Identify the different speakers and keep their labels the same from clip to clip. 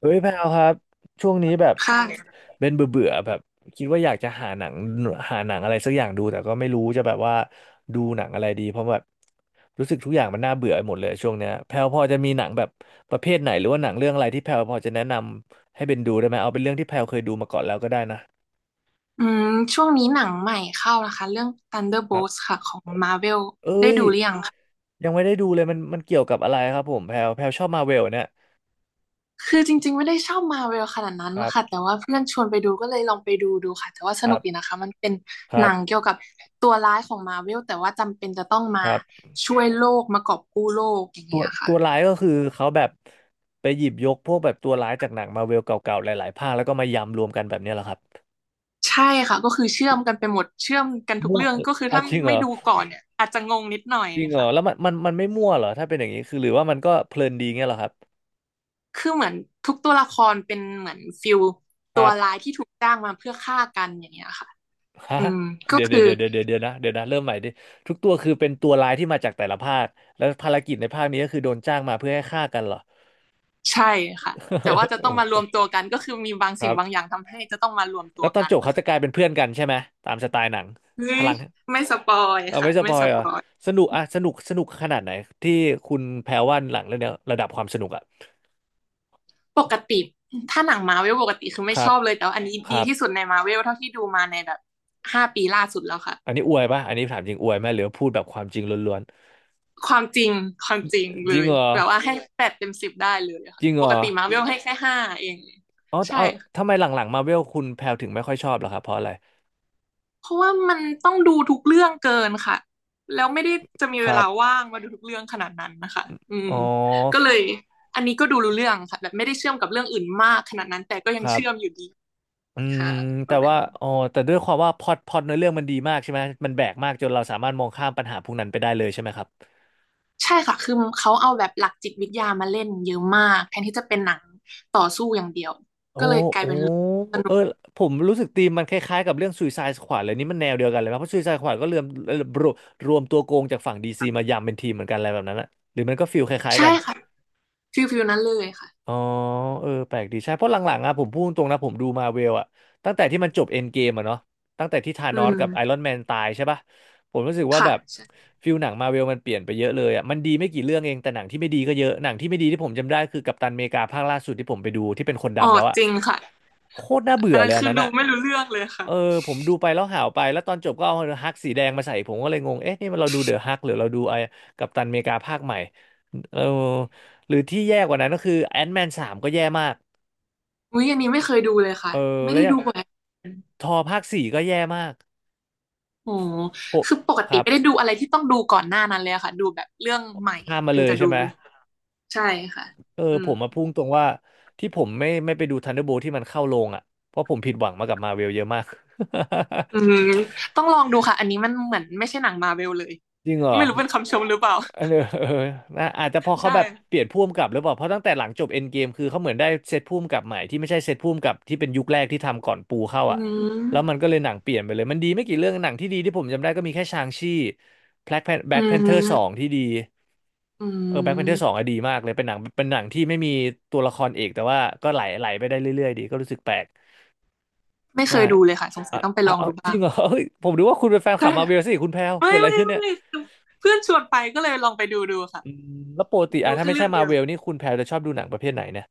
Speaker 1: เฮ้ยแพลครับช่วงนี้แบบ
Speaker 2: ค่ะ
Speaker 1: เป็นเบื่อเบื่อแบบคิดว่าอยากจะหาหนังอะไรสักอย่างดูแต่ก็ไม่รู้จะแบบว่าดูหนังอะไรดีเพราะแบบรู้สึกทุกอย่างมันน่าเบื่อไปหมดเลยช่วงเนี้ยแพลพอจะมีหนังแบบประเภทไหนหรือว่าหนังเรื่องอะไรที่แพลพอจะแนะนำให้เป็นดูได้ไหมเอาเป็นเรื่องที่แพลเคยดูมาก่อนแล้วก็ได้นะ
Speaker 2: อืมช่วงนี้หนังใหม่เข้านะคะเรื่อง
Speaker 1: ครั
Speaker 2: Thunderbolts
Speaker 1: บ
Speaker 2: ค่ะของ Marvel
Speaker 1: เอ้ยยังไม่ได้ดูเลยมันเกี่ยวกับอะไรครับผมแพลชอบมาเวลเนี่ย
Speaker 2: คือจริงๆไม่ได้ชอบ Marvel ขนาดนั้น
Speaker 1: ครับ
Speaker 2: ค่ะแต่ว่าเพื่อนชวนไปดูก็เลยลองไปดูดูค่ะแต่ว่าส
Speaker 1: ค
Speaker 2: นุ
Speaker 1: รั
Speaker 2: กดี
Speaker 1: บ
Speaker 2: นะคะมันเป็น
Speaker 1: ค
Speaker 2: ห
Speaker 1: รับ
Speaker 2: นังเกี่ยวกับตัวร้ายของ Marvel แต่ว่าจำเป็นจะต้อง
Speaker 1: ค
Speaker 2: มา
Speaker 1: รับ
Speaker 2: ช่วยโลกมากอบกู้โลกอย่าง
Speaker 1: ตัว
Speaker 2: เงี้ยค่ะ
Speaker 1: ตัวร้ายก็คือเขาแบบไปหยิบยกพวกแบบตัวร้ายจากหนังมาเวลเก่าๆหลายๆภาคแล้วก็มายำรวมกันแบบเนี้ยเหรอครับ
Speaker 2: ใช่ค่ะก็คือเชื่อมกันไปหมดเชื่อมกันทุก
Speaker 1: มั่ว
Speaker 2: เรื่อง
Speaker 1: เออ
Speaker 2: ก็คือ
Speaker 1: อ่ะ
Speaker 2: ถ้า
Speaker 1: จริงเหร
Speaker 2: ไม่
Speaker 1: อ
Speaker 2: ดูก่อนเนี่ยอาจจะงงนิดหน่อย
Speaker 1: จริงเหรอ
Speaker 2: ค่ะ
Speaker 1: แล้วมันไม่มั่วเหรอถ้าเป็นอย่างนี้คือหรือว่ามันก็เพลินดีเงี้ยเหรอครับ
Speaker 2: คือเหมือนทุกตัวละครเป็นเหมือนฟิล
Speaker 1: ค
Speaker 2: ตั
Speaker 1: รั
Speaker 2: วร้า
Speaker 1: บ
Speaker 2: ยที่ถูกจ้างมาเพื่อฆ่ากันอย่างเงี้ยค่ะ
Speaker 1: ฮะ
Speaker 2: อืมก็
Speaker 1: เดี๋ยว
Speaker 2: คื
Speaker 1: เดี๋ย
Speaker 2: อ
Speaker 1: วเดี๋ยวเดี๋ยวเดี๋ยวเดี๋ยวนะเดี๋ยวนะเริ่มใหม่ดิทุกตัวคือเป็นตัวร้ายที่มาจากแต่ละภาคแล้วภารกิจในภาคนี้ก็คือโดนจ้างมาเพื่อให้ฆ่ากันเหรอ
Speaker 2: ใช่ค่ะแต่ว่า จะ
Speaker 1: เอ
Speaker 2: ต้
Speaker 1: อ
Speaker 2: องมา
Speaker 1: ป
Speaker 2: ร
Speaker 1: ว
Speaker 2: ว
Speaker 1: ด
Speaker 2: ม
Speaker 1: หั
Speaker 2: ตั
Speaker 1: ว
Speaker 2: วกันก็คือมีบาง
Speaker 1: ครั
Speaker 2: สิ่งบางอ
Speaker 1: บ
Speaker 2: ย่างทำให้จะต้องมารวม
Speaker 1: แล้
Speaker 2: ตัว
Speaker 1: วตอน
Speaker 2: กัน
Speaker 1: จบ
Speaker 2: นะ
Speaker 1: เขาจะ
Speaker 2: คะ
Speaker 1: กลายเป็นเพื่อนกันใช่ไหมตามสไตล์หนัง
Speaker 2: เฮ้
Speaker 1: พ
Speaker 2: ย
Speaker 1: ลัง
Speaker 2: ไม่สปอย
Speaker 1: เอา
Speaker 2: ค่ะ
Speaker 1: ไม่สป
Speaker 2: ไม่
Speaker 1: อ
Speaker 2: ส
Speaker 1: ยเหร
Speaker 2: ป
Speaker 1: อ
Speaker 2: อย
Speaker 1: สนุกอะสนุกสนุกขนาดไหนที่คุณแพรว่าหลังเรื่องเนี้ยระดับความสนุกอะ
Speaker 2: ปกติถ้าหนังมาเวลปกติคือ
Speaker 1: ค
Speaker 2: ไม่
Speaker 1: รั
Speaker 2: ช
Speaker 1: บ
Speaker 2: อบเลยแต่ว่าอันนี้
Speaker 1: ค
Speaker 2: ดี
Speaker 1: รับ
Speaker 2: ที่สุดในมาเวลเท่าที่ดูมาในแบบห้าปีล่าสุดแล้วค่ะ
Speaker 1: อันนี้อวยป่ะอันนี้ถามจริงอวยไหมหรือว่าพูดแบบความจริงล้วน
Speaker 2: ความจริงความจริง
Speaker 1: ๆจ
Speaker 2: เล
Speaker 1: ริง
Speaker 2: ย
Speaker 1: เหรอ
Speaker 2: แบบว่าให้แปดเต็มสิบได้เลย
Speaker 1: จ
Speaker 2: ค่ะ
Speaker 1: ริงเหร
Speaker 2: ปก
Speaker 1: อ
Speaker 2: ติมาเวลให้แค่ห้าเอง
Speaker 1: อ๋อา
Speaker 2: ใช่
Speaker 1: เอาทำไมหลังๆมาเวลคุณแพรถึงไม่ค่อยชอบเหรอครับเพราะอะไร
Speaker 2: เพราะว่ามันต้องดูทุกเรื่องเกินค่ะแล้วไม่ได้จะมี
Speaker 1: ค
Speaker 2: เว
Speaker 1: รั
Speaker 2: ลา
Speaker 1: บ
Speaker 2: ว่างมาดูทุกเรื่องขนาดนั้นนะคะอื
Speaker 1: อ๋
Speaker 2: ม
Speaker 1: อ
Speaker 2: ก็เลยอันนี้ก็ดูรู้เรื่องค่ะแบบไม่ได้เชื่อมกับเรื่องอื่นมากขนาดนั้นแต่ก็ยั
Speaker 1: ค
Speaker 2: ง
Speaker 1: รั
Speaker 2: เชื่อมอ
Speaker 1: บ
Speaker 2: ยู่ดี
Speaker 1: อืม
Speaker 2: ค่ะป
Speaker 1: แต่
Speaker 2: ระมาณ
Speaker 1: ว่า
Speaker 2: นี้
Speaker 1: อ๋อแต่ด้วยความว่าพล็อตในเรื่องมันดีมากใช่ไหมมันแบกมากจนเราสามารถมองข้ามปัญหาพวกนั้นไปได้เลยใช่ไหมครับ
Speaker 2: ใช่ค่ะคือเขาเอาแบบหลักจิตวิทยามาเล่นเยอะมากแทนที่จะเป็นหนังต่อสู้อย่างเดียว
Speaker 1: โอ้
Speaker 2: ก็เลยกลาย
Speaker 1: โอ้
Speaker 2: เป็นสนุ
Speaker 1: เออ
Speaker 2: ก
Speaker 1: ผมรู้สึกธีมมันคล้ายๆกับเรื่อง Suicide Squad เลยนี่มันแนวเดียวกันเลยไหมเพราะ Suicide Squad ก็เริ่มรวมรวมตัวโกงจากฝั่งดีซีมายำเป็นทีมเหมือนกันอะไรแบบนั้นอะหรือมันก็ฟีลคล้ายๆ
Speaker 2: ใช่
Speaker 1: กัน
Speaker 2: ค่ะฟิลนั้นเลยค่ะ
Speaker 1: อ๋อเออแปลกดีใช่เพราะหลังๆอะผมพูดตรงนะผมดูมาเวลอะตั้งแต่ที่มันจบเอ็นเกมอะเนาะตั้งแต่ที่ธา
Speaker 2: อื
Speaker 1: นอส
Speaker 2: ม
Speaker 1: กับไอรอนแมนตายใช่ปะผมรู้สึกว่า
Speaker 2: ค่ะ
Speaker 1: แบบ
Speaker 2: ใช่
Speaker 1: ฟิลหนังมาเวลมันเปลี่ยนไปเยอะเลยอะมันดีไม่กี่เรื่องเองแต่หนังที่ไม่ดีก็เยอะหนังที่ไม่ดีที่ผมจำได้คือกัปตันอเมริกาภาคล่าสุดที่ผมไปดูที่เป็นคน
Speaker 2: อ๋อ
Speaker 1: ดำแล้วอะ
Speaker 2: จริงค่ะ
Speaker 1: โคตรน่าเบื่
Speaker 2: อั
Speaker 1: อ
Speaker 2: น
Speaker 1: เล
Speaker 2: นั้น
Speaker 1: ยอัน
Speaker 2: คือ
Speaker 1: นั้น
Speaker 2: ดู
Speaker 1: อ่ะ
Speaker 2: ไม่รู้เรื่องเลยค่ะ
Speaker 1: เออผมดูไปแล้วหาวไปแล้วตอนจบก็เอาฮักสีแดงมาใส่ผมก็เลยงง เอ๊ะนี่มันเราดูเดอะฮักหรือเราดูไอ้กัปตันอเมริกาภาคใหม่เออหรือที่แย่กว่านั้นก็คือแอนแมนสามก็แย่มาก
Speaker 2: อุ๊ยอันนี้ไม่เคยดูเลยค่ะ
Speaker 1: เออ
Speaker 2: ไม่
Speaker 1: แล้ว
Speaker 2: ได้
Speaker 1: อยาง
Speaker 2: ดูเอบ่อยอ
Speaker 1: ทอภาคสี่ก็แย่มาก
Speaker 2: โอ้โห
Speaker 1: โห
Speaker 2: คือปก
Speaker 1: ค
Speaker 2: ติ
Speaker 1: รับ
Speaker 2: ไม่ได้ดูอะไรที่ต้องดูก่อนหน้านั้นเลยอะค่ะดูแบบเรื่องใหม่
Speaker 1: ข้ามมา
Speaker 2: ถึ
Speaker 1: เล
Speaker 2: ง
Speaker 1: ย
Speaker 2: จะ
Speaker 1: ใช่
Speaker 2: ดู
Speaker 1: ไหม
Speaker 2: ใช่ค่ะ
Speaker 1: เออ
Speaker 2: อื
Speaker 1: ผ
Speaker 2: ม
Speaker 1: มมาพุ่งตรงว่าที่ผมไม่ไปดูทันเดอร์โบที่มันเข้าโรงอ่ะ เพราะผมผิดหวังมากับมาเวลเยอะมาก
Speaker 2: อืมต้องลองดูค่ะอันนี้มันเหมือนไม่ใช่หนังมารเวลเลย
Speaker 1: จริงเหรอ
Speaker 2: ไม่รู้เป็นคำชใช่มหรือเปล่า
Speaker 1: เออ เออนะอาจจะพอ
Speaker 2: ใช
Speaker 1: เขาแบบเป
Speaker 2: ่
Speaker 1: ลี่ยนผู้กำกับหรือเปล่าเพราะตั้งแต่หลังจบเอ็นเกมคือเขาเหมือนได้เซตผู้กำกับใหม่ที่ไม่ใช่เซตผู้กำกับที่เป็นยุคแรกที่ทำก่อนปูเข้า
Speaker 2: อื
Speaker 1: อ่ะแล้วมัน
Speaker 2: ม
Speaker 1: ก็เลยหนังเปลี่ยนไปเลย มันดีไม่กี่เรื่องหนังที่ดีที่ผมจำได้ก็มีแค่ชางชี่แบล็กแบล็
Speaker 2: อื
Speaker 1: กแพนเธอร์สอง
Speaker 2: ม
Speaker 1: ที่ดี
Speaker 2: อื
Speaker 1: เออแบล็กแพนเธอร์สอง
Speaker 2: ม
Speaker 1: อะดีมากเลยเป็นหนังที่ไม่มีตัวละครเอกแต่ว่าก็ไหลไหลไปได้เรื่อยๆดีก็รู้สึกแปลก
Speaker 2: ไม่เค
Speaker 1: ใช่
Speaker 2: ยดูเลยค่ะสงสั
Speaker 1: อ่ะ
Speaker 2: ยต้องไป
Speaker 1: อ่ะ
Speaker 2: ลอง
Speaker 1: เอา
Speaker 2: ดู
Speaker 1: จริ
Speaker 2: บ้า
Speaker 1: ง
Speaker 2: ง
Speaker 1: เหรอเฮ้ยผมดูว่าคุณเป็นแฟนคลั
Speaker 2: ใช่
Speaker 1: บมาเวลสิคุณแพลว
Speaker 2: ไม่
Speaker 1: เกิดอะไร
Speaker 2: ไม่
Speaker 1: ขึ้นเนี่ย
Speaker 2: ไม่เพื่อนชวนไปก็เลยลองไปดูดูค่ะ
Speaker 1: อืมแล้วปกติอ่ะ
Speaker 2: ดู
Speaker 1: ถ้า
Speaker 2: แค่
Speaker 1: ไม่
Speaker 2: เรื่
Speaker 1: ใช่
Speaker 2: อง
Speaker 1: มา
Speaker 2: เดียว
Speaker 1: เวลนี่คุณแพรจะชอบดูหนังประเภทไหนเนี่ย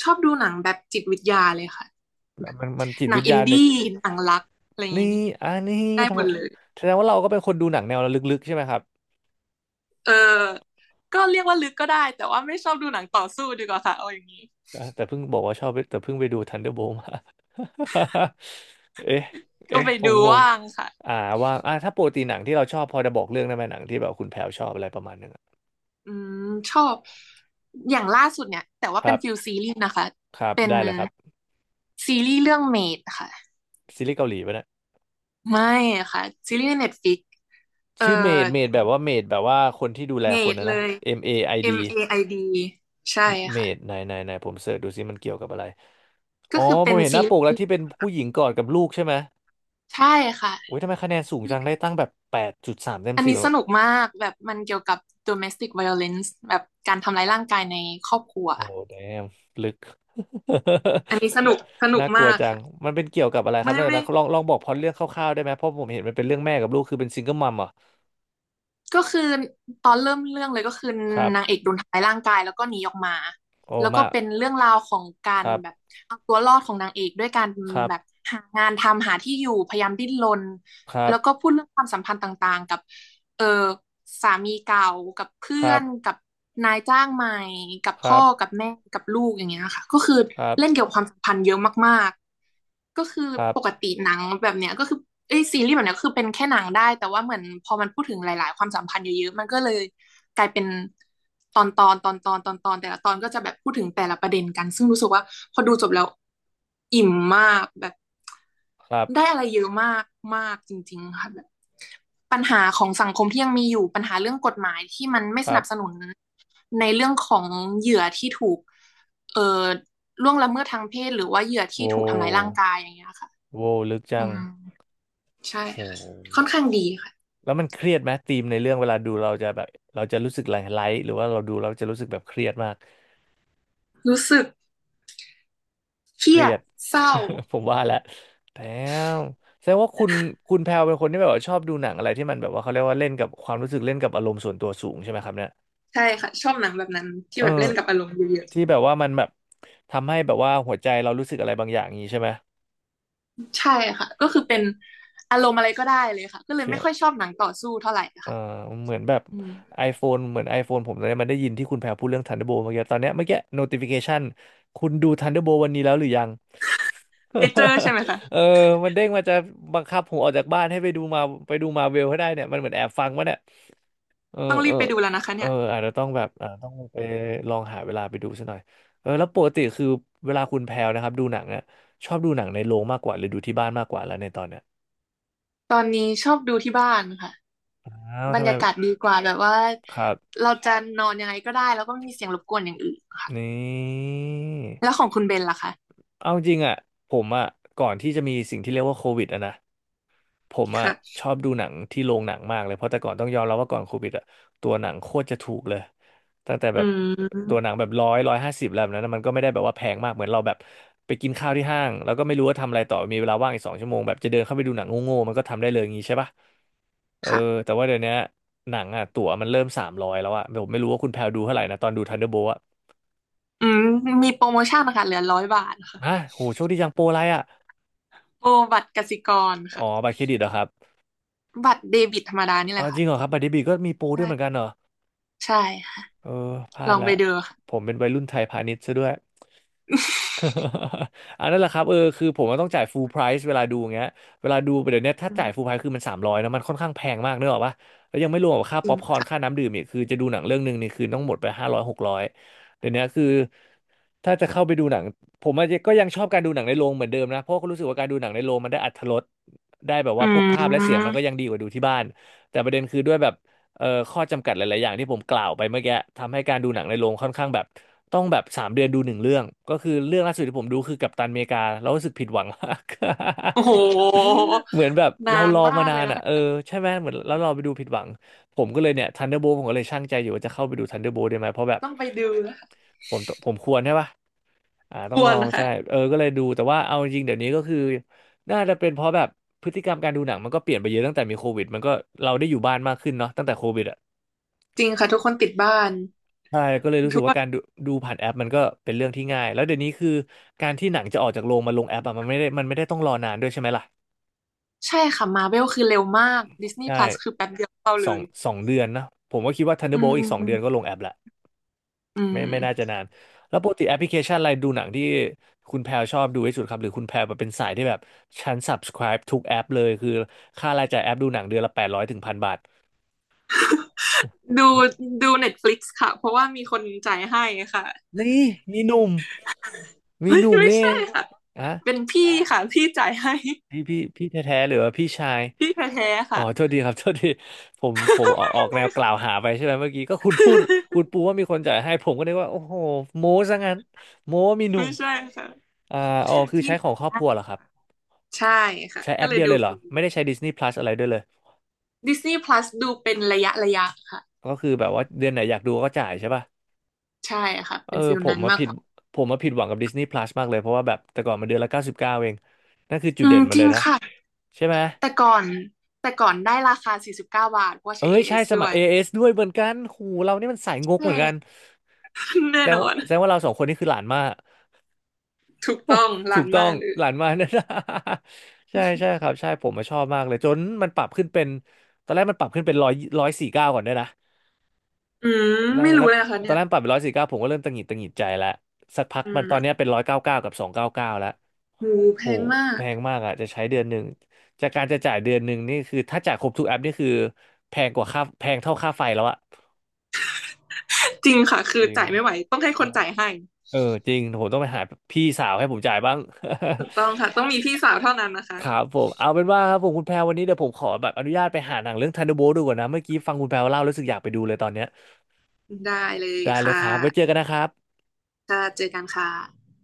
Speaker 2: ชอบดูหนังแบบจิตวิทยาเลยค่ะแบบ
Speaker 1: มันจิต
Speaker 2: หนั
Speaker 1: วิ
Speaker 2: ง
Speaker 1: ท
Speaker 2: อิ
Speaker 1: ยา
Speaker 2: น
Speaker 1: ใน
Speaker 2: ดี้หนังรักอะไรอย่าง
Speaker 1: นี่
Speaker 2: งี้
Speaker 1: อันนี้
Speaker 2: ได้
Speaker 1: ท
Speaker 2: หมดเลย
Speaker 1: ำแสดงว่าเราก็เป็นคนดูหนังแนวลึกๆใช่ไหมครับ
Speaker 2: เออก็เรียกว่าลึกก็ได้แต่ว่าไม่ชอบดูหนังต่อสู้ดีกว่าค่ะเอาอย่างนี้
Speaker 1: อ่ะแต่เพิ่งบอกว่าชอบแต่เพิ่งไปดู Thunderbolt มา เอ๊ะ
Speaker 2: ก็
Speaker 1: เอ๊ะ
Speaker 2: ไป
Speaker 1: ผม
Speaker 2: ดู
Speaker 1: งง
Speaker 2: ว่างค่ะ
Speaker 1: อ่าว่าอ่ะถ้าปกติหนังที่เราชอบพอจะบอกเรื่องได้ไหมหนังที่แบบคุณแพรชอบอะไรประมาณนึงอะ
Speaker 2: อืมชอบอย่างล่าสุดเนี่ยแต่ว่า
Speaker 1: ค
Speaker 2: เป็
Speaker 1: รั
Speaker 2: น
Speaker 1: บ
Speaker 2: ฟิลซีรีส์นะคะ
Speaker 1: ครับ
Speaker 2: เป็น
Speaker 1: ได้เลยครับ
Speaker 2: ซีรีส์เรื่องเมดค่ะ
Speaker 1: ซีรีส์เกาหลีไปนะ
Speaker 2: ไม่ค่ะซีรีส์ในเน็ตฟิกเอ่อ
Speaker 1: ชื่อเมดเมดแบบว่าเมดแบบว่าคนที่ดูแล
Speaker 2: เม
Speaker 1: คน
Speaker 2: ด
Speaker 1: นะ
Speaker 2: เล
Speaker 1: นะ
Speaker 2: ย
Speaker 1: MAID เอไอดี
Speaker 2: M A I D ใช่
Speaker 1: เม
Speaker 2: ค่ะ
Speaker 1: ดไหนไหนไหนผมเสิร์ชดูซิมันเกี่ยวกับอะไร อ๋
Speaker 2: ก็
Speaker 1: อ
Speaker 2: คือ
Speaker 1: ผ
Speaker 2: เป็น
Speaker 1: มเห็นห
Speaker 2: ซี
Speaker 1: น้า
Speaker 2: ร
Speaker 1: ปกแล้ว
Speaker 2: ี
Speaker 1: ที่
Speaker 2: ส์
Speaker 1: เป็นผู้หญิงกอดกับลูกใช่ไหม
Speaker 2: ใช่ค่ะ
Speaker 1: โอ้ยทำไมคะแนนสูงจังได้ตั้งแบบ8.3เต็ม
Speaker 2: อัน
Speaker 1: สิบ
Speaker 2: นี้
Speaker 1: แบ
Speaker 2: ส
Speaker 1: บ
Speaker 2: นุกมากแบบมันเกี่ยวกับ domestic violence แบบการทำร้ายร่างกายในครอบครัว
Speaker 1: โอ้แดมลึก
Speaker 2: อันนี้สนุกส นุก
Speaker 1: น่ากลัว
Speaker 2: มาก
Speaker 1: จัง
Speaker 2: ค่ะ
Speaker 1: มันเป็นเกี่ยวกับอะไรครับ
Speaker 2: ไม่
Speaker 1: นั่น
Speaker 2: ไม่
Speaker 1: นะลองลองบอกพล็อตเรื่องคร่าวๆได้ไหมเพราะผมเห็นมันเป็นเรื่องแม่กับลูกคือเป็นซิงเกิลมัมเหรอ
Speaker 2: ก็คือตอนเริ่มเรื่องเลยก็คือ
Speaker 1: ครับ
Speaker 2: นางเอกโดนทำร้ายร่างกายแล้วก็หนีออกมา
Speaker 1: โอ้
Speaker 2: แล้วก็
Speaker 1: มา
Speaker 2: เป็นเรื่องราวของกา
Speaker 1: ค
Speaker 2: ร
Speaker 1: รั
Speaker 2: แบบ
Speaker 1: บ
Speaker 2: เอาตัวรอดของนางเอกด้วยการ
Speaker 1: ครั
Speaker 2: แบบ
Speaker 1: บ
Speaker 2: หางานทำหาที่อยู่พยายามดิ้นรน
Speaker 1: ครั
Speaker 2: แล้วก็
Speaker 1: บ
Speaker 2: พูดเรื่องความสัมพันธ์ต่างๆกับ เออสามีเก่ากับ
Speaker 1: ค
Speaker 2: เพื่อ
Speaker 1: รับ
Speaker 2: นกับนายจ้างใหม่กับ
Speaker 1: ครั
Speaker 2: พ่อ
Speaker 1: บ
Speaker 2: กับแม่กับลูกอย่างเงี้ยค่ะก็คือ
Speaker 1: ครับ
Speaker 2: เล่นเกี่ยวกับความสัมพันธ์เยอะมากๆก็คือ
Speaker 1: ครั
Speaker 2: ปก
Speaker 1: บ
Speaker 2: ติหนังแบบเนี้ยก็คือเอ้ยซีรีส์แบบเนี้ยก็คือเป็นแค่หนังได้แต่ว่าเหมือนพอมันพูดถึงหลายๆความสัมพันธ์เยอะๆมันก็เลยกลายเป็นตอนตอนตอนตอนตอนตอนแต่ละตอนก็จะแบบพูดถึงแต่ละประเด็นกันซึ่งรู้สึกว่าพอดูจบแล้วอิ่มมากแบบ
Speaker 1: ครั
Speaker 2: ได้
Speaker 1: บ
Speaker 2: อะไรเยอะมากมากจริงๆค่ะแบบ ปัญหาของสังคมที่ยังมีอยู่ปัญหาเรื่องกฎหมายที่มันไม่
Speaker 1: ค
Speaker 2: ส
Speaker 1: รั
Speaker 2: นั
Speaker 1: บ
Speaker 2: บสนุนในเรื่องของเหยื่อที่ถูกเอ่อล่วงละเมิดทางเพศหรือว่าเหยื่อที่
Speaker 1: โว้
Speaker 2: ถูกทำร้าย
Speaker 1: ว
Speaker 2: ร่างกายอย่างเงี้ยค่ะ
Speaker 1: โว้ลึกจั
Speaker 2: อื
Speaker 1: ง
Speaker 2: มใช่
Speaker 1: โอ้
Speaker 2: ค่ะค่อนข้างดีค่ะ
Speaker 1: แล้วมันเครียดไหมธีมในเรื่องเวลาดูเราจะแบบเราจะรู้สึกไลท์หรือว่าเราดูเราจะรู้สึกแบบเครียดมาก
Speaker 2: รู้สึกเค
Speaker 1: เค
Speaker 2: รี
Speaker 1: รี
Speaker 2: ยด
Speaker 1: ยด
Speaker 2: เศร้า
Speaker 1: ผมว่าและแต่แสดงว่าคุณแพลเป็นคนที่แบบว่าชอบดูหนังอะไรที่มันแบบว่าเขาเรียกว่าเล่นกับความรู้สึกเล่นกับอารมณ์ส่วนตัวสูงใช่ไหมครับเนี่ย
Speaker 2: ใช่ค่ะชอบหนังแบบนั้นที่
Speaker 1: เออ
Speaker 2: แบบเล่นกับอารมณ์เยอะ
Speaker 1: ที่แบบว่ามันแบบทำให้แบบว่าหัวใจเรารู้สึกอะไรบางอย่างอย่างนี้ใช่ไหม
Speaker 2: ๆใช่ค่ะก็คือเป็นอารมณ์อะไรก็ได้เลยค่ะก็เลยไม่ค่อย
Speaker 1: ใช่
Speaker 2: ชอบหนังต่อสู้เท่าไหร่
Speaker 1: เออ
Speaker 2: ค่ะ
Speaker 1: เหมือนแบบ
Speaker 2: อืม
Speaker 1: iPhone เหมือน iPhone ผมตอนนี้มันได้ยินที่คุณแพรพูดเรื่อง Thunderbolt เมื่อกี้ตอนเนี้ยเมื่อกี้ notification คุณดู Thunderbolt วันนี้แล้วหรือยัง
Speaker 2: เลเจอร์ใช่ ไหมคะ
Speaker 1: เออมันเด้งมาจะบังคับผมออกจากบ้านให้ไปดูมาไปดูมาเวลให้ได้เนี่ยมันเหมือนแอบฟังวะเนี่ยเออ
Speaker 2: ต้องรี
Speaker 1: เอ
Speaker 2: บ
Speaker 1: อ
Speaker 2: ไปดูแล้วนะคะ
Speaker 1: เอ
Speaker 2: เนี่
Speaker 1: อ
Speaker 2: ย
Speaker 1: อาจจะต้องแบบต้องไปลองหาเวลาไปดูซะหน่อยเออแล้วปกติคือเวลาคุณแพรวนะครับดูหนังอะชอบดูหนังในโรงมากกว่าหรือดูที่บ้านมากกว่าแล้วในตอนเนี้ย
Speaker 2: ตอนนี้ชอบดูที่บ้านค่ะ
Speaker 1: อ้าว
Speaker 2: บร
Speaker 1: ทำ
Speaker 2: ร
Speaker 1: ไม
Speaker 2: ยากาศดีกว่าแบบว่า
Speaker 1: ครับ
Speaker 2: เราจะนอนยังไงก็ได้แล้วก็ไม่มีเสียงรบกวนอย่างอื่นค่ะ
Speaker 1: นี่
Speaker 2: แล้วของคุณเบนล่ะคะ
Speaker 1: เอาจริงอ่ะผมอ่ะก่อนที่จะมีสิ่งที่เรียกว่าโควิดอ่ะนะผมอ่ะช
Speaker 2: ค่ะ
Speaker 1: อบดูหนังที่โรงหนังมากเลยเพราะแต่ก่อนต้องยอมรับว่าก่อนโควิดอ่ะตัวหนังโคตรจะถูกเลยตั้งแต่แบ
Speaker 2: อื
Speaker 1: บตัวหนั
Speaker 2: ม
Speaker 1: งแบบ100 150แล้วแบบนั้นนะมันก็ไม่ได้แบบว่าแพงมากเหมือนเราแบบไปกินข้าวที่ห้างแล้วก็ไม่รู้ว่าทำอะไรต่อมีเวลาว่างอีก2 ชั่วโมงแบบจะเดินเข้าไปดูหนังโง่ๆมันก็ทำได้เลยอย่างงี้ใช่ปะเออ
Speaker 2: ค่ะ
Speaker 1: แต่ว่าเดี๋ยวนี้หนังอ่ะตั๋วมันเริ่มสามร้อยแล้วอ่ะผมไม่รู้ว่าคุณแพลดูเท่าไหร่นะตอนดูทันเดอร์โบอ่ะ
Speaker 2: อืมมีโปรโมชั่นนะคะเหลือร้อยบาทค่ะ
Speaker 1: ฮะโหโชคดีจังโปรอะไรอ่ะ
Speaker 2: โปรบัตรกสิกร
Speaker 1: อ๋อ
Speaker 2: ค่ะ
Speaker 1: บัตรเครดิตเหรอครับ
Speaker 2: บัตรเดบิตธรรมดานี่
Speaker 1: อ
Speaker 2: แห
Speaker 1: อ
Speaker 2: ละ
Speaker 1: จ
Speaker 2: ค่ะ
Speaker 1: ริงเหรอครับบัดดี้บีก็มีปูด้วย
Speaker 2: ใช่
Speaker 1: เหมือนกันเหรอ
Speaker 2: ใช่ค่ะ
Speaker 1: เออพลา
Speaker 2: ล
Speaker 1: ด
Speaker 2: องไป
Speaker 1: ละ
Speaker 2: ดูค่ะ
Speaker 1: ผมเป็นวัยรุ่นไทยพาณิชย์ซะด้วย อันนั้นแหละครับเออคือผมว่าต้องจ่ายฟูลไพร c ์เวลาดูอย่างเงี้ยเวลาดูไปเดี๋ยวนี้ถ้า
Speaker 2: อื
Speaker 1: จ่ายฟูลไพ
Speaker 2: ม
Speaker 1: ร c ์คือมันสามร้อยนะมันค่อนข้างแพงมากเนกอะปะแล้วยังไม่รวมกับค่า
Speaker 2: จริ
Speaker 1: ป๊อ
Speaker 2: ง
Speaker 1: ปคอร์น
Speaker 2: ค่ะ
Speaker 1: ค่าน้ำดื่มอีกคือจะดูหนังเรื่องหนึ่งนี่คือต้องหมดไป500 600เดี๋ยวนี้คือถ้าจะเข้าไปดูหนังผมอาจจะก็ยังชอบการดูหนังในโรงเหมือนเดิมนะเพราะก็รู้สึกว่าการดูหนังในโรงมันได้อรรถรสได้แบบ
Speaker 2: อื
Speaker 1: ว่าพวกภาพและเสียงมัน
Speaker 2: ม
Speaker 1: ก็ยังดีกว่าดูที่บ้านแต่ประเด็นคือด้วยแบบ เอ่อข้อจำกัดหลายๆอย่างที่ผมกล่าวไปเมื่อกี้ทำให้การดูหนังในโรงค่อนข้างแบบต้องแบบ3 เดือนดูหนึ่งเรื่องก็คือเรื่องล่าสุดที่ผมดูคือกัปตันอเมริกาแล้วรู้สึกผิดหวังมาก
Speaker 2: โอ้โห
Speaker 1: เหมือนแบบ
Speaker 2: นา
Speaker 1: เราร
Speaker 2: น
Speaker 1: อ
Speaker 2: มา
Speaker 1: มา
Speaker 2: ก
Speaker 1: นา
Speaker 2: เลย
Speaker 1: น
Speaker 2: นะ
Speaker 1: อ่ะเออ
Speaker 2: คะ
Speaker 1: ใช่ไหมเหมือนแล้วเราไปดูผิดหวังผมก็เลยเนี่ยทันเดอร์โบผมก็เลยชั่งใจอยู่ว่าจะเข้าไปดูทันเดอร์โบได้ไหมเพราะแบบ
Speaker 2: ต้องไปดูนะคะ
Speaker 1: ผมควรใช่ปะ
Speaker 2: ค
Speaker 1: ต้อง
Speaker 2: ว
Speaker 1: ล
Speaker 2: ร
Speaker 1: อง
Speaker 2: นะคะ
Speaker 1: ใช่เออก็เลยดูแต่ว่าเอาจริงเดี๋ยวนี้ก็คือน่าจะเป็นเพราะแบบพฤติกรรมการดูหนังมันก็เปลี่ยนไปเยอะตั้งแต่มีโควิดมันก็เราได้อยู่บ้านมากขึ้นเนาะตั้งแต่โควิดอ่ะ
Speaker 2: จริงค่ะทุกคนติดบ้าน
Speaker 1: ใช่ก็เลยรู้สึกว่าการดูผ่านแอปมันก็เป็นเรื่องที่ง่ายแล้วเดี๋ยวนี้คือการที่หนังจะออกจากโรงมาลงแอปอะมันไม่ได้มันไม่ได้ต้องรอนานด้วยใช่ไหมล่ะ
Speaker 2: ใช่ค่ะมาเวลคือเร็วมากดิสนีย์พ
Speaker 1: ใช่
Speaker 2: ลัสคือแป๊บเดียวเข้าเล
Speaker 1: สอง
Speaker 2: ย
Speaker 1: สองเดือนนะผมก็คิดว่า
Speaker 2: อื
Speaker 1: Thunderbolt อีก2 เดือนก็ล
Speaker 2: ม
Speaker 1: งแอปละ
Speaker 2: อื
Speaker 1: ไม่
Speaker 2: ม
Speaker 1: ไม่น่าจะนานแล้วปกติแอปพลิเคชันอะไรดูหนังที่คุณแพลชอบดูที่สุดครับหรือคุณแพลแบบเป็นสายที่แบบฉัน subscribe ทุกแอปเลยคือค่ารายจ่ายแอปดูหนังเดือนละ800-1,000 บาท
Speaker 2: ดูดูเน็ตฟลิกซ์ค่ะเพราะว่ามีคนจ่ายให้ค่ะ
Speaker 1: นี่มีหนุ่ม มี
Speaker 2: เฮ้
Speaker 1: ห
Speaker 2: ย
Speaker 1: นุ่ม
Speaker 2: ไม่
Speaker 1: นี่เอ
Speaker 2: ใช่
Speaker 1: ง
Speaker 2: ค่ะ
Speaker 1: อะ
Speaker 2: เป็นพี่ค่ะพี่จ่ายให้
Speaker 1: พี่แท้ๆหรือว่าพี่ชาย
Speaker 2: พี่แท้ๆ
Speaker 1: อ๋อ
Speaker 2: ค่ะ
Speaker 1: โทษ ดีครับ โทษดีผมออกแนวกล่าวหาไปใช่ไหมเมื่อกี้ก็คุณพูดคุณปูว่ามีคนจ่ายให้ผมก็นึกว่าโอ้โหโม้ซะงั้นโม้ว่ามีหนุ่
Speaker 2: ไม่
Speaker 1: ม
Speaker 2: ใช่ค่ะ
Speaker 1: อ่าอ๋อคือ
Speaker 2: พี่
Speaker 1: ใช้ของ
Speaker 2: จ่าย
Speaker 1: ครอบค
Speaker 2: ให้
Speaker 1: รัวเหรอครับ
Speaker 2: ใช่ค่ะ
Speaker 1: ใช้แอ
Speaker 2: ก็
Speaker 1: ป
Speaker 2: เลย
Speaker 1: เดียว
Speaker 2: ดู
Speaker 1: เลยเหร
Speaker 2: ฟ
Speaker 1: อ
Speaker 2: รี
Speaker 1: ไม่ได้ใช้ Disney Plus อะไรด้วยเลย
Speaker 2: ดิสนีย์พลัสดูเป็นระยะระยะค่ะ
Speaker 1: ก็คือแบบว่าเดือนไหนอยากดูก็จ่ายใช่ป่ะ
Speaker 2: ใช่ค่ะ
Speaker 1: เออ
Speaker 2: เป็นฟิลนั้นมากกว่า
Speaker 1: ผมมาผิดหวังกับ Disney Plus มากเลยเพราะว่าแบบแต่ก่อนมันเดือนละ99เองนั่นคือจุด
Speaker 2: อื
Speaker 1: เด่
Speaker 2: ม
Speaker 1: นมัน
Speaker 2: จ
Speaker 1: เล
Speaker 2: ริง
Speaker 1: ยนะ
Speaker 2: ค่ะ
Speaker 1: ใช่ไหม
Speaker 2: แต่ก่อนแต่ก่อนได้ราคา49บเก้าบาทเพราะว่า
Speaker 1: เอ้
Speaker 2: ใช้
Speaker 1: ยใช่
Speaker 2: AS
Speaker 1: สมั
Speaker 2: ด้
Speaker 1: ย
Speaker 2: วย
Speaker 1: ASด้วยเหมือนกันหูเรานี่มันสายงก
Speaker 2: ใช
Speaker 1: เหมือนกั
Speaker 2: ่
Speaker 1: น
Speaker 2: แน่
Speaker 1: แสดง
Speaker 2: นอ
Speaker 1: ว่า
Speaker 2: น
Speaker 1: แสดงว่าเราสองคนนี่คือหลานมาก
Speaker 2: ถูกต้องล้า
Speaker 1: ถูก
Speaker 2: น
Speaker 1: ต้
Speaker 2: มา
Speaker 1: อง
Speaker 2: กเลย
Speaker 1: หลานมากนะ ใช่ใช่ครับใช่ผมมาชอบมากเลยจนมันปรับขึ้นเป็นตอนแรกมันปรับขึ้นเป็นร้อยสี่เก้าก่อนด้วยนะ
Speaker 2: อืม
Speaker 1: แล้ว
Speaker 2: ไม่
Speaker 1: แล้
Speaker 2: รู้
Speaker 1: ว
Speaker 2: เลยนะคะ
Speaker 1: ตอ
Speaker 2: เนี่
Speaker 1: น
Speaker 2: ย
Speaker 1: แรกปรับเป็นร้อยสี่เก้าผมก็เริ่มตังหงิดใจแล้วสักพัก
Speaker 2: อื
Speaker 1: มันต
Speaker 2: ม
Speaker 1: อนเนี้ยเป็น199กับ299แล้ว
Speaker 2: หูแพ
Speaker 1: โห
Speaker 2: งมา
Speaker 1: แพ
Speaker 2: ก
Speaker 1: งมากอ่ะจะใช้เดือนหนึ่งจากการจะจ่ายเดือนหนึ่งนี่คือถ้าจ่ายครบทุกแอปนี่คือแพงกว่าค่าแพงเท่าค่าไฟแล้วอะ
Speaker 2: จริงค่ะ คื
Speaker 1: จ
Speaker 2: อ
Speaker 1: ริง
Speaker 2: จ่ายไม่ไหว ต้องให้คนจ่ายให้
Speaker 1: เออจริงผมต้องไปหาพี่สาวให้ผมจ่ายบ้าง
Speaker 2: ถูกต้องค่ะ ต้องมี พี่สาวเท่านั้นนะคะ
Speaker 1: ครับผมเอาเป็นว่าครับผมคุณแพรวันนี้เดี๋ยวผมขอแบบอนุญาตไปหาหนังเรื่องทันเดอร์โบ t ดูก่อนนะเมื่อกี้ฟังคุณแพรเล่ารู้สึกอยากไปดูเลยตอนเนี้ย
Speaker 2: ได้เลย
Speaker 1: ได้เลย
Speaker 2: ค่ะ
Speaker 1: ครับไว้เจอกันนะครับ
Speaker 2: ค่ะเจอกันค่ะ